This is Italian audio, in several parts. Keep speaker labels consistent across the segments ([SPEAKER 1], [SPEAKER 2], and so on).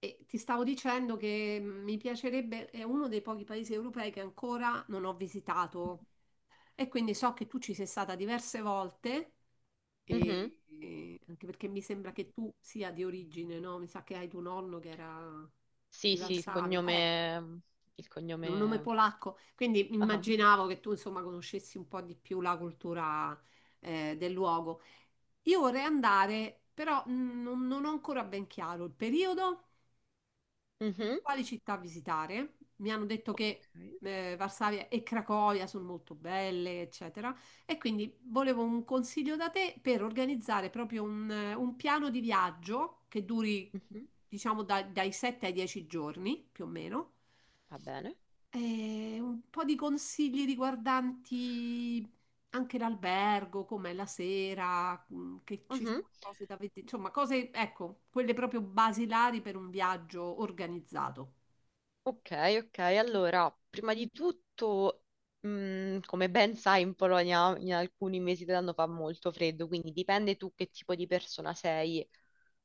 [SPEAKER 1] E ti stavo dicendo che mi piacerebbe, è uno dei pochi paesi europei che ancora non ho visitato, e quindi so che tu ci sei stata diverse volte
[SPEAKER 2] Mhm.
[SPEAKER 1] e anche perché mi sembra che tu sia di origine, no? Mi sa che hai tuo nonno che era
[SPEAKER 2] Sì,
[SPEAKER 1] di... Sì, sì,
[SPEAKER 2] sì, il
[SPEAKER 1] Varsavia,
[SPEAKER 2] cognome. Il
[SPEAKER 1] è un nome
[SPEAKER 2] cognome.
[SPEAKER 1] polacco, quindi
[SPEAKER 2] Ah,
[SPEAKER 1] immaginavo che tu insomma conoscessi un po' di più la cultura del luogo. Io vorrei andare, però non ho ancora ben chiaro il periodo,
[SPEAKER 2] mhm,
[SPEAKER 1] quali città visitare. Mi hanno detto che
[SPEAKER 2] ok,
[SPEAKER 1] Varsavia e Cracovia sono molto belle, eccetera. E quindi volevo un consiglio da te per organizzare proprio un piano di viaggio che duri,
[SPEAKER 2] mhm,
[SPEAKER 1] diciamo, dai 7 ai 10 giorni, più o meno.
[SPEAKER 2] va bene.
[SPEAKER 1] E un po' di consigli riguardanti anche l'albergo, com'è la sera, che ci
[SPEAKER 2] Mhm.
[SPEAKER 1] sono cose da vedere, insomma, cose, ecco, quelle proprio basilari per un viaggio organizzato.
[SPEAKER 2] Ok, ok. Allora, prima di tutto, come ben sai, in Polonia in alcuni mesi dell'anno fa molto freddo, quindi dipende tu che tipo di persona sei,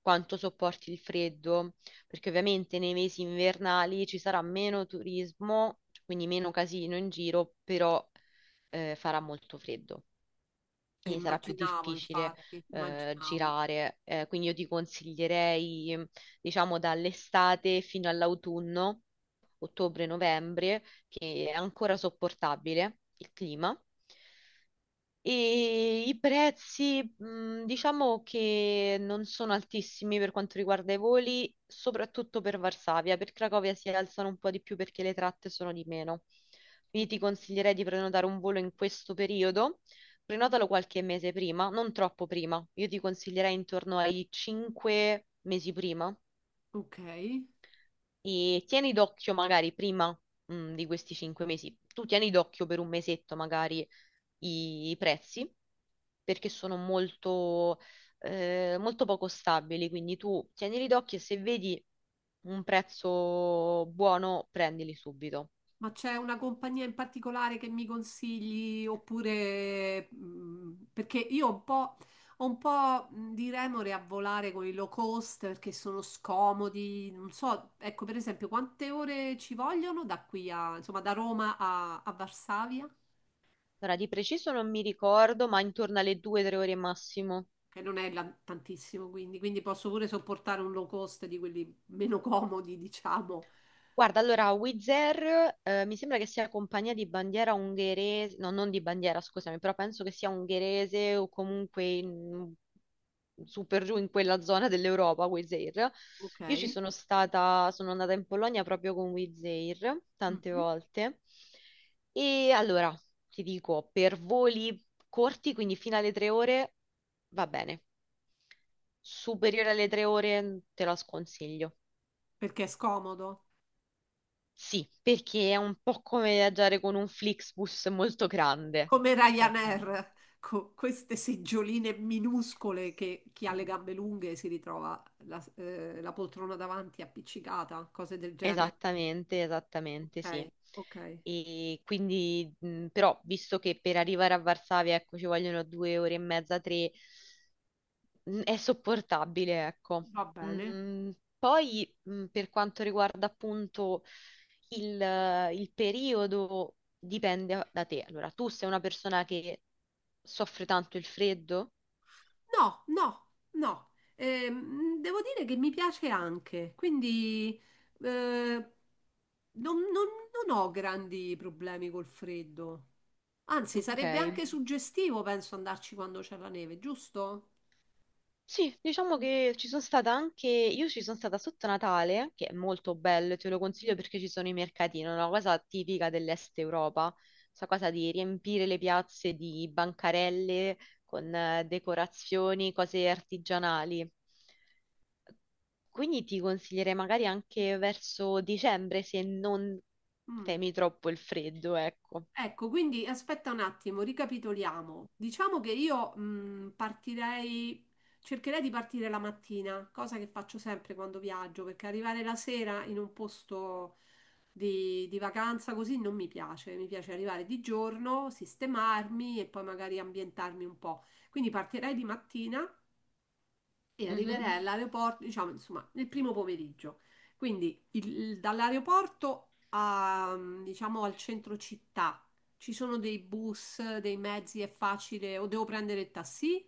[SPEAKER 2] quanto sopporti il freddo, perché ovviamente nei mesi invernali ci sarà meno turismo, quindi meno casino in giro, però farà molto freddo. Quindi sarà più
[SPEAKER 1] Immaginavo,
[SPEAKER 2] difficile
[SPEAKER 1] infatti, immaginavo.
[SPEAKER 2] girare. Quindi io ti consiglierei, diciamo, dall'estate fino all'autunno, ottobre-novembre, che è ancora sopportabile il clima. E i prezzi, diciamo che non sono altissimi per quanto riguarda i voli, soprattutto per Varsavia. Per Cracovia si alzano un po' di più perché le tratte sono di meno. Quindi ti consiglierei di prenotare un volo in questo periodo. Prenotalo qualche mese prima, non troppo prima. Io ti consiglierei intorno ai 5 mesi prima.
[SPEAKER 1] Ok,
[SPEAKER 2] E tieni d'occhio magari prima, di questi 5 mesi, tu tieni d'occhio per un mesetto magari i prezzi, perché sono molto, molto poco stabili, quindi tu tienili d'occhio e se vedi un prezzo buono, prendili subito.
[SPEAKER 1] ma c'è una compagnia in particolare che mi consigli, oppure perché io ho un po' di remore a volare con i low cost perché sono scomodi, non so. Ecco, per esempio, quante ore ci vogliono da qui a, insomma, da Roma a, a Varsavia,
[SPEAKER 2] Ora, di preciso non mi ricordo, ma intorno alle 2-3 ore massimo.
[SPEAKER 1] che non è tantissimo, quindi, quindi posso pure sopportare un low cost di quelli meno comodi, diciamo.
[SPEAKER 2] Guarda, allora, Wizz Air, mi sembra che sia compagnia di bandiera ungherese, no, non di bandiera, scusami, però penso che sia ungherese o comunque su per giù in quella zona dell'Europa, Wizz Air.
[SPEAKER 1] Ok.
[SPEAKER 2] Io ci sono stata, sono andata in Polonia proprio con Wizz Air tante
[SPEAKER 1] Mm-hmm.
[SPEAKER 2] volte. E allora, ti dico, per voli corti, quindi fino alle 3 ore, va bene. Superiore alle 3 ore, te la sconsiglio.
[SPEAKER 1] Perché è scomodo,
[SPEAKER 2] Sì, perché è un po' come viaggiare con un Flixbus molto grande.
[SPEAKER 1] come
[SPEAKER 2] Ok.
[SPEAKER 1] Ryanair, con queste seggioline minuscole che chi ha le gambe lunghe si ritrova la, la poltrona davanti appiccicata, cose del genere.
[SPEAKER 2] Esattamente, esattamente, sì.
[SPEAKER 1] Ok, ok,
[SPEAKER 2] E quindi, però, visto che per arrivare a Varsavia, ecco, ci vogliono 2 ore e mezza, tre, è sopportabile, ecco.
[SPEAKER 1] va bene.
[SPEAKER 2] Mm, poi, per quanto riguarda appunto il, il periodo, dipende da te. Allora, tu sei una persona che soffre tanto il freddo?
[SPEAKER 1] No, no, no. Devo dire che mi piace anche, quindi eh, non, non non ho grandi problemi col freddo. Anzi,
[SPEAKER 2] Ok.
[SPEAKER 1] sarebbe anche, ok, suggestivo, penso, andarci quando c'è la neve, giusto?
[SPEAKER 2] Sì, diciamo che ci sono stata anche, io ci sono stata sotto Natale, che è molto bello, te lo consiglio perché ci sono i mercatini, è una cosa tipica dell'Est Europa, questa cosa di riempire le piazze di bancarelle con decorazioni, cose artigianali. Quindi ti consiglierei magari anche verso dicembre se non
[SPEAKER 1] Mm.
[SPEAKER 2] temi troppo il freddo, ecco.
[SPEAKER 1] Ecco, quindi aspetta un attimo, ricapitoliamo. Diciamo che io partirei, cercherei di partire la mattina, cosa che faccio sempre quando viaggio, perché arrivare la sera in un posto di vacanza così non mi piace. Mi piace arrivare di giorno, sistemarmi e poi magari ambientarmi un po'. Quindi partirei di mattina e
[SPEAKER 2] Mhm.
[SPEAKER 1] arriverei all'aeroporto, diciamo, insomma, nel primo pomeriggio. Quindi dall'aeroporto a, diciamo, al centro città, ci sono dei bus, dei mezzi, è facile, o devo prendere il taxi?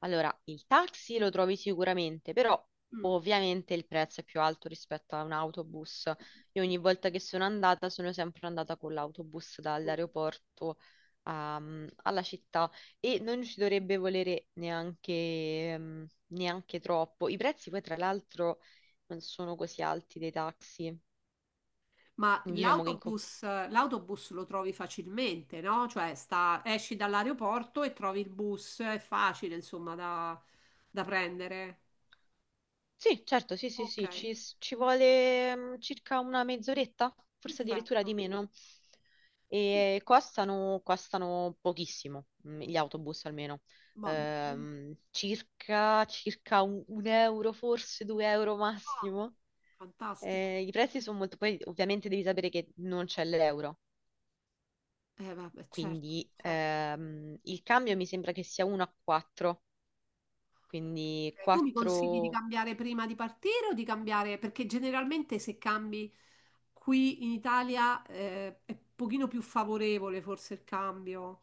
[SPEAKER 2] Allora, il taxi lo trovi sicuramente, però
[SPEAKER 1] Mm.
[SPEAKER 2] ovviamente il prezzo è più alto rispetto a un autobus. Io ogni volta che sono andata sono sempre andata con l'autobus dall'aeroporto alla città e non ci dovrebbe volere neanche, neanche troppo. I prezzi poi tra l'altro non sono così alti dei taxi.
[SPEAKER 1] Ma
[SPEAKER 2] Diciamo che in
[SPEAKER 1] l'autobus, l'autobus lo trovi facilmente, no? Cioè esci dall'aeroporto e trovi il bus, è facile, insomma, da prendere.
[SPEAKER 2] Sì, certo, sì, sì,
[SPEAKER 1] Ok,
[SPEAKER 2] sì, ci, ci vuole circa una mezz'oretta, forse addirittura di
[SPEAKER 1] perfetto.
[SPEAKER 2] meno.
[SPEAKER 1] Sì.
[SPEAKER 2] E costano, costano pochissimo, gli autobus almeno.
[SPEAKER 1] Va bene.
[SPEAKER 2] Circa, circa un euro, forse due euro
[SPEAKER 1] Ah,
[SPEAKER 2] massimo.
[SPEAKER 1] fantastico.
[SPEAKER 2] I prezzi sono molto. Poi ovviamente devi sapere che non c'è l'euro,
[SPEAKER 1] Vabbè, certo,
[SPEAKER 2] quindi
[SPEAKER 1] certo.
[SPEAKER 2] il cambio mi sembra che sia 1 a 4, quindi
[SPEAKER 1] Tu mi consigli di
[SPEAKER 2] 4.
[SPEAKER 1] cambiare prima di partire o di cambiare? Perché generalmente se cambi qui in Italia è un pochino più favorevole forse il cambio,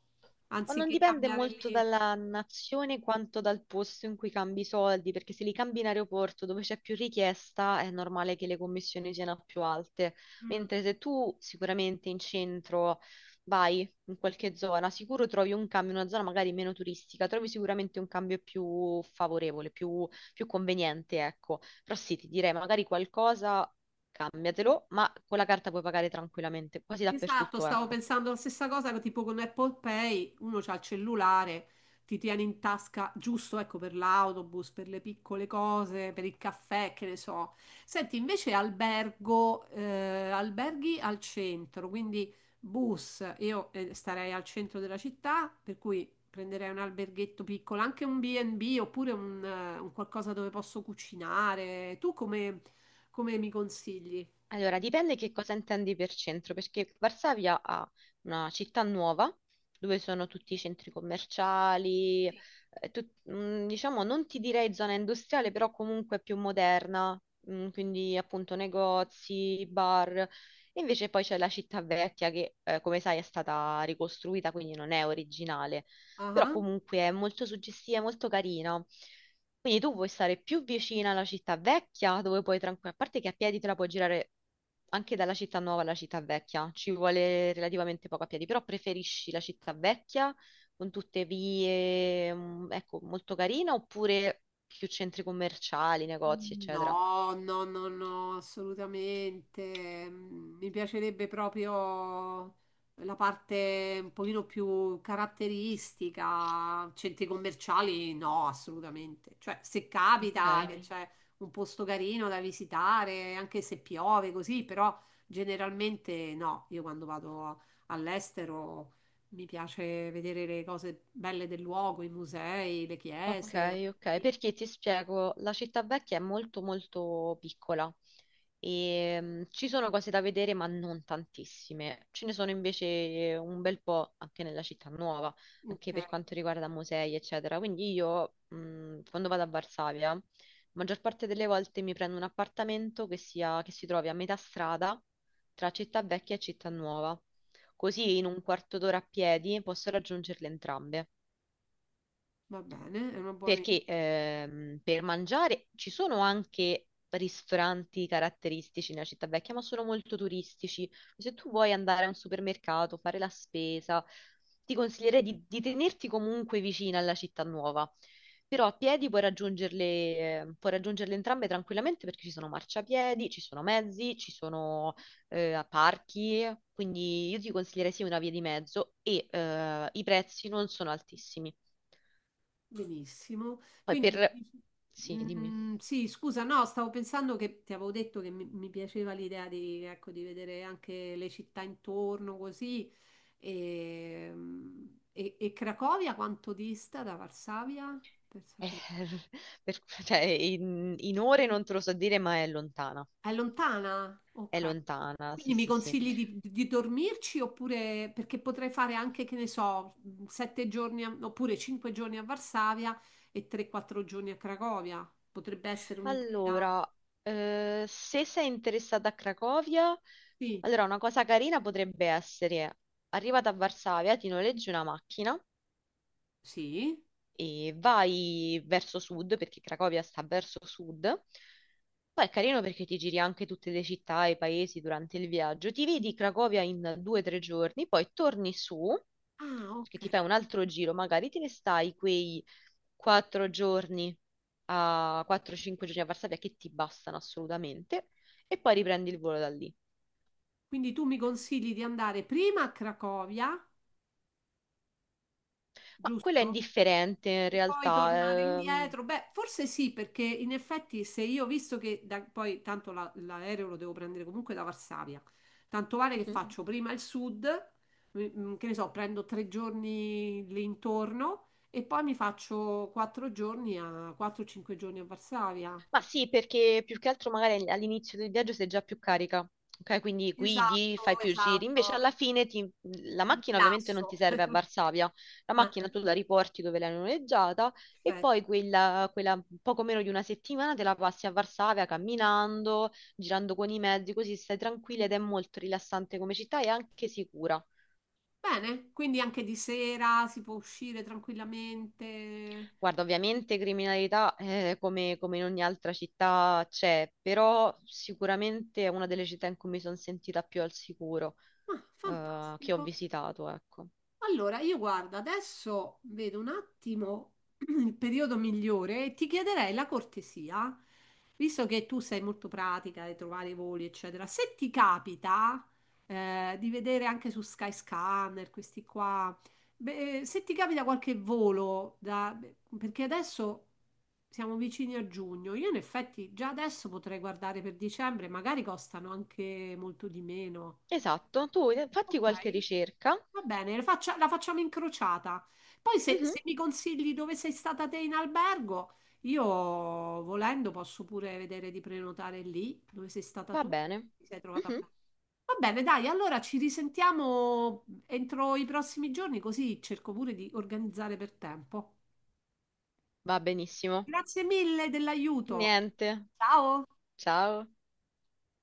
[SPEAKER 2] Ma non
[SPEAKER 1] anziché
[SPEAKER 2] dipende
[SPEAKER 1] cambiare
[SPEAKER 2] molto
[SPEAKER 1] lì.
[SPEAKER 2] dalla nazione quanto dal posto in cui cambi i soldi, perché se li cambi in aeroporto dove c'è più richiesta è normale che le commissioni siano più alte,
[SPEAKER 1] Mm.
[SPEAKER 2] mentre se tu sicuramente in centro vai in qualche zona, sicuro trovi un cambio in una zona magari meno turistica, trovi sicuramente un cambio più favorevole, più, più conveniente, ecco. Però sì, ti direi magari qualcosa cambiatelo, ma con la carta puoi pagare tranquillamente, quasi
[SPEAKER 1] Esatto,
[SPEAKER 2] dappertutto,
[SPEAKER 1] stavo
[SPEAKER 2] ecco.
[SPEAKER 1] pensando la stessa cosa, tipo con Apple Pay, uno c'ha il cellulare, ti tiene in tasca giusto, ecco, per l'autobus, per le piccole cose, per il caffè, che ne so. Senti, invece albergo, alberghi al centro, quindi bus, io starei al centro della città, per cui prenderei un alberghetto piccolo, anche un B&B oppure un qualcosa dove posso cucinare. Tu come, come mi consigli?
[SPEAKER 2] Allora, dipende che cosa intendi per centro, perché Varsavia ha una città nuova dove sono tutti i centri commerciali, diciamo non ti direi zona industriale, però comunque più moderna, quindi appunto negozi, bar. E invece poi c'è la città vecchia che, come sai, è stata ricostruita, quindi non è originale, però
[SPEAKER 1] Ah.
[SPEAKER 2] comunque è molto suggestiva, è molto carina. Quindi tu puoi stare più vicina alla città vecchia, dove puoi tranquilla, a parte che a piedi te la puoi girare anche dalla città nuova alla città vecchia, ci vuole relativamente poco a piedi, però preferisci la città vecchia con tutte vie, ecco, molto carina, oppure più centri commerciali, negozi, eccetera.
[SPEAKER 1] No, no, no, no, assolutamente. Mi piacerebbe proprio la parte un pochino più caratteristica, centri commerciali no, assolutamente. Cioè, se capita
[SPEAKER 2] Ok.
[SPEAKER 1] che, ok, c'è un posto carino da visitare, anche se piove, così. Però generalmente no, io quando vado all'estero mi piace vedere le cose belle del luogo, i musei, le, ok,
[SPEAKER 2] Ok,
[SPEAKER 1] chiese.
[SPEAKER 2] ok,
[SPEAKER 1] Ok.
[SPEAKER 2] perché ti spiego, la città vecchia è molto molto piccola e ci sono cose da vedere ma non tantissime, ce ne sono invece un bel po' anche nella città nuova, anche
[SPEAKER 1] Ok.
[SPEAKER 2] per quanto riguarda musei eccetera, quindi io quando vado a Varsavia, la maggior parte delle volte mi prendo un appartamento che sia, che si trovi a metà strada tra città vecchia e città nuova, così in un quarto d'ora a piedi posso raggiungerle entrambe.
[SPEAKER 1] Va bene, è una buona idea.
[SPEAKER 2] Perché per mangiare ci sono anche ristoranti caratteristici nella città vecchia, ma sono molto turistici. Se tu vuoi andare a un supermercato, fare la spesa, ti consiglierei di tenerti comunque vicina alla città nuova. Però a piedi puoi raggiungerle, puoi raggiungerle entrambe tranquillamente perché ci sono marciapiedi, ci sono mezzi, ci sono parchi, quindi io ti consiglierei sì una via di mezzo e i prezzi non sono altissimi.
[SPEAKER 1] Benissimo.
[SPEAKER 2] Poi
[SPEAKER 1] Quindi,
[SPEAKER 2] per. Sì, dimmi.
[SPEAKER 1] sì, scusa, no, stavo pensando che ti avevo detto che mi piaceva l'idea di, ecco, di vedere anche le città intorno così. E, e Cracovia quanto dista da Varsavia? Per
[SPEAKER 2] Eh,
[SPEAKER 1] sapere.
[SPEAKER 2] cioè, in ore non te lo so dire, ma è lontana.
[SPEAKER 1] È lontana?
[SPEAKER 2] È
[SPEAKER 1] Ok.
[SPEAKER 2] lontana, sì,
[SPEAKER 1] Quindi mi
[SPEAKER 2] sì, sì.
[SPEAKER 1] consigli di dormirci, oppure perché potrei fare anche, che ne so, 7 giorni oppure 5 giorni a Varsavia e 3-4 giorni a Cracovia. Potrebbe essere un'idea.
[SPEAKER 2] Allora, se sei interessata a Cracovia,
[SPEAKER 1] Sì,
[SPEAKER 2] allora una cosa carina potrebbe essere, arrivata a Varsavia, ti noleggi una macchina
[SPEAKER 1] sì.
[SPEAKER 2] e vai verso sud, perché Cracovia sta verso sud. Poi è carino perché ti giri anche tutte le città e i paesi durante il viaggio. Ti vedi Cracovia in 2 o 3 giorni, poi torni su,
[SPEAKER 1] Ah,
[SPEAKER 2] perché
[SPEAKER 1] ok.
[SPEAKER 2] ti fai un altro giro, magari te ne stai quei 4 giorni a 4-5 giorni a Varsavia che ti bastano assolutamente, e poi riprendi il volo da lì.
[SPEAKER 1] Quindi tu mi consigli di andare prima a Cracovia,
[SPEAKER 2] Ma quello è
[SPEAKER 1] giusto?
[SPEAKER 2] indifferente in
[SPEAKER 1] E poi tornare
[SPEAKER 2] realtà.
[SPEAKER 1] indietro? Beh, forse sì, perché in effetti se io, visto che poi tanto l'aereo lo devo prendere comunque da Varsavia, tanto vale che
[SPEAKER 2] Mhm.
[SPEAKER 1] faccio prima il sud, che ne so, prendo 3 giorni lì intorno e poi mi faccio 4 giorni a 4-5 giorni a Varsavia.
[SPEAKER 2] Ma sì, perché più che altro magari all'inizio del viaggio sei già più carica, ok? Quindi guidi,
[SPEAKER 1] Esatto,
[SPEAKER 2] fai più giri, invece
[SPEAKER 1] esatto,
[SPEAKER 2] alla fine la
[SPEAKER 1] mi
[SPEAKER 2] macchina ovviamente non
[SPEAKER 1] rilasso.
[SPEAKER 2] ti serve a Varsavia, la
[SPEAKER 1] Ah,
[SPEAKER 2] macchina tu la riporti dove l'hai noleggiata e
[SPEAKER 1] perfetto.
[SPEAKER 2] poi quella, quella poco meno di una settimana te la passi a Varsavia camminando, girando con i mezzi, così stai tranquilla ed è molto rilassante come città e anche sicura.
[SPEAKER 1] Bene, quindi anche di sera si può uscire tranquillamente.
[SPEAKER 2] Guarda, ovviamente criminalità come in ogni altra città c'è, però sicuramente è una delle città in cui mi sono sentita più al sicuro
[SPEAKER 1] Ah,
[SPEAKER 2] che ho
[SPEAKER 1] fantastico.
[SPEAKER 2] visitato, ecco.
[SPEAKER 1] Allora, io guarda, adesso vedo un attimo il periodo migliore, e ti chiederei la cortesia, visto che tu sei molto pratica di trovare i voli, eccetera, se ti capita di vedere anche su Skyscanner questi qua. Beh, se ti capita qualche volo, perché adesso siamo vicini a giugno, io in effetti già adesso potrei guardare per dicembre, magari costano anche molto di meno.
[SPEAKER 2] Esatto, tu fatti
[SPEAKER 1] Ok,
[SPEAKER 2] qualche ricerca.
[SPEAKER 1] va bene, la facciamo incrociata. Poi se,
[SPEAKER 2] Mhm,
[SPEAKER 1] se mi consigli dove sei stata te in albergo, io volendo posso pure vedere di prenotare lì dove sei stata
[SPEAKER 2] va
[SPEAKER 1] tu.
[SPEAKER 2] bene.
[SPEAKER 1] Ti sei trovata
[SPEAKER 2] Mhm,
[SPEAKER 1] bene. Va bene, dai, allora ci risentiamo entro i prossimi giorni, così cerco pure di organizzare per tempo.
[SPEAKER 2] va benissimo.
[SPEAKER 1] Grazie mille dell'aiuto.
[SPEAKER 2] Niente.
[SPEAKER 1] Ciao!
[SPEAKER 2] Ciao.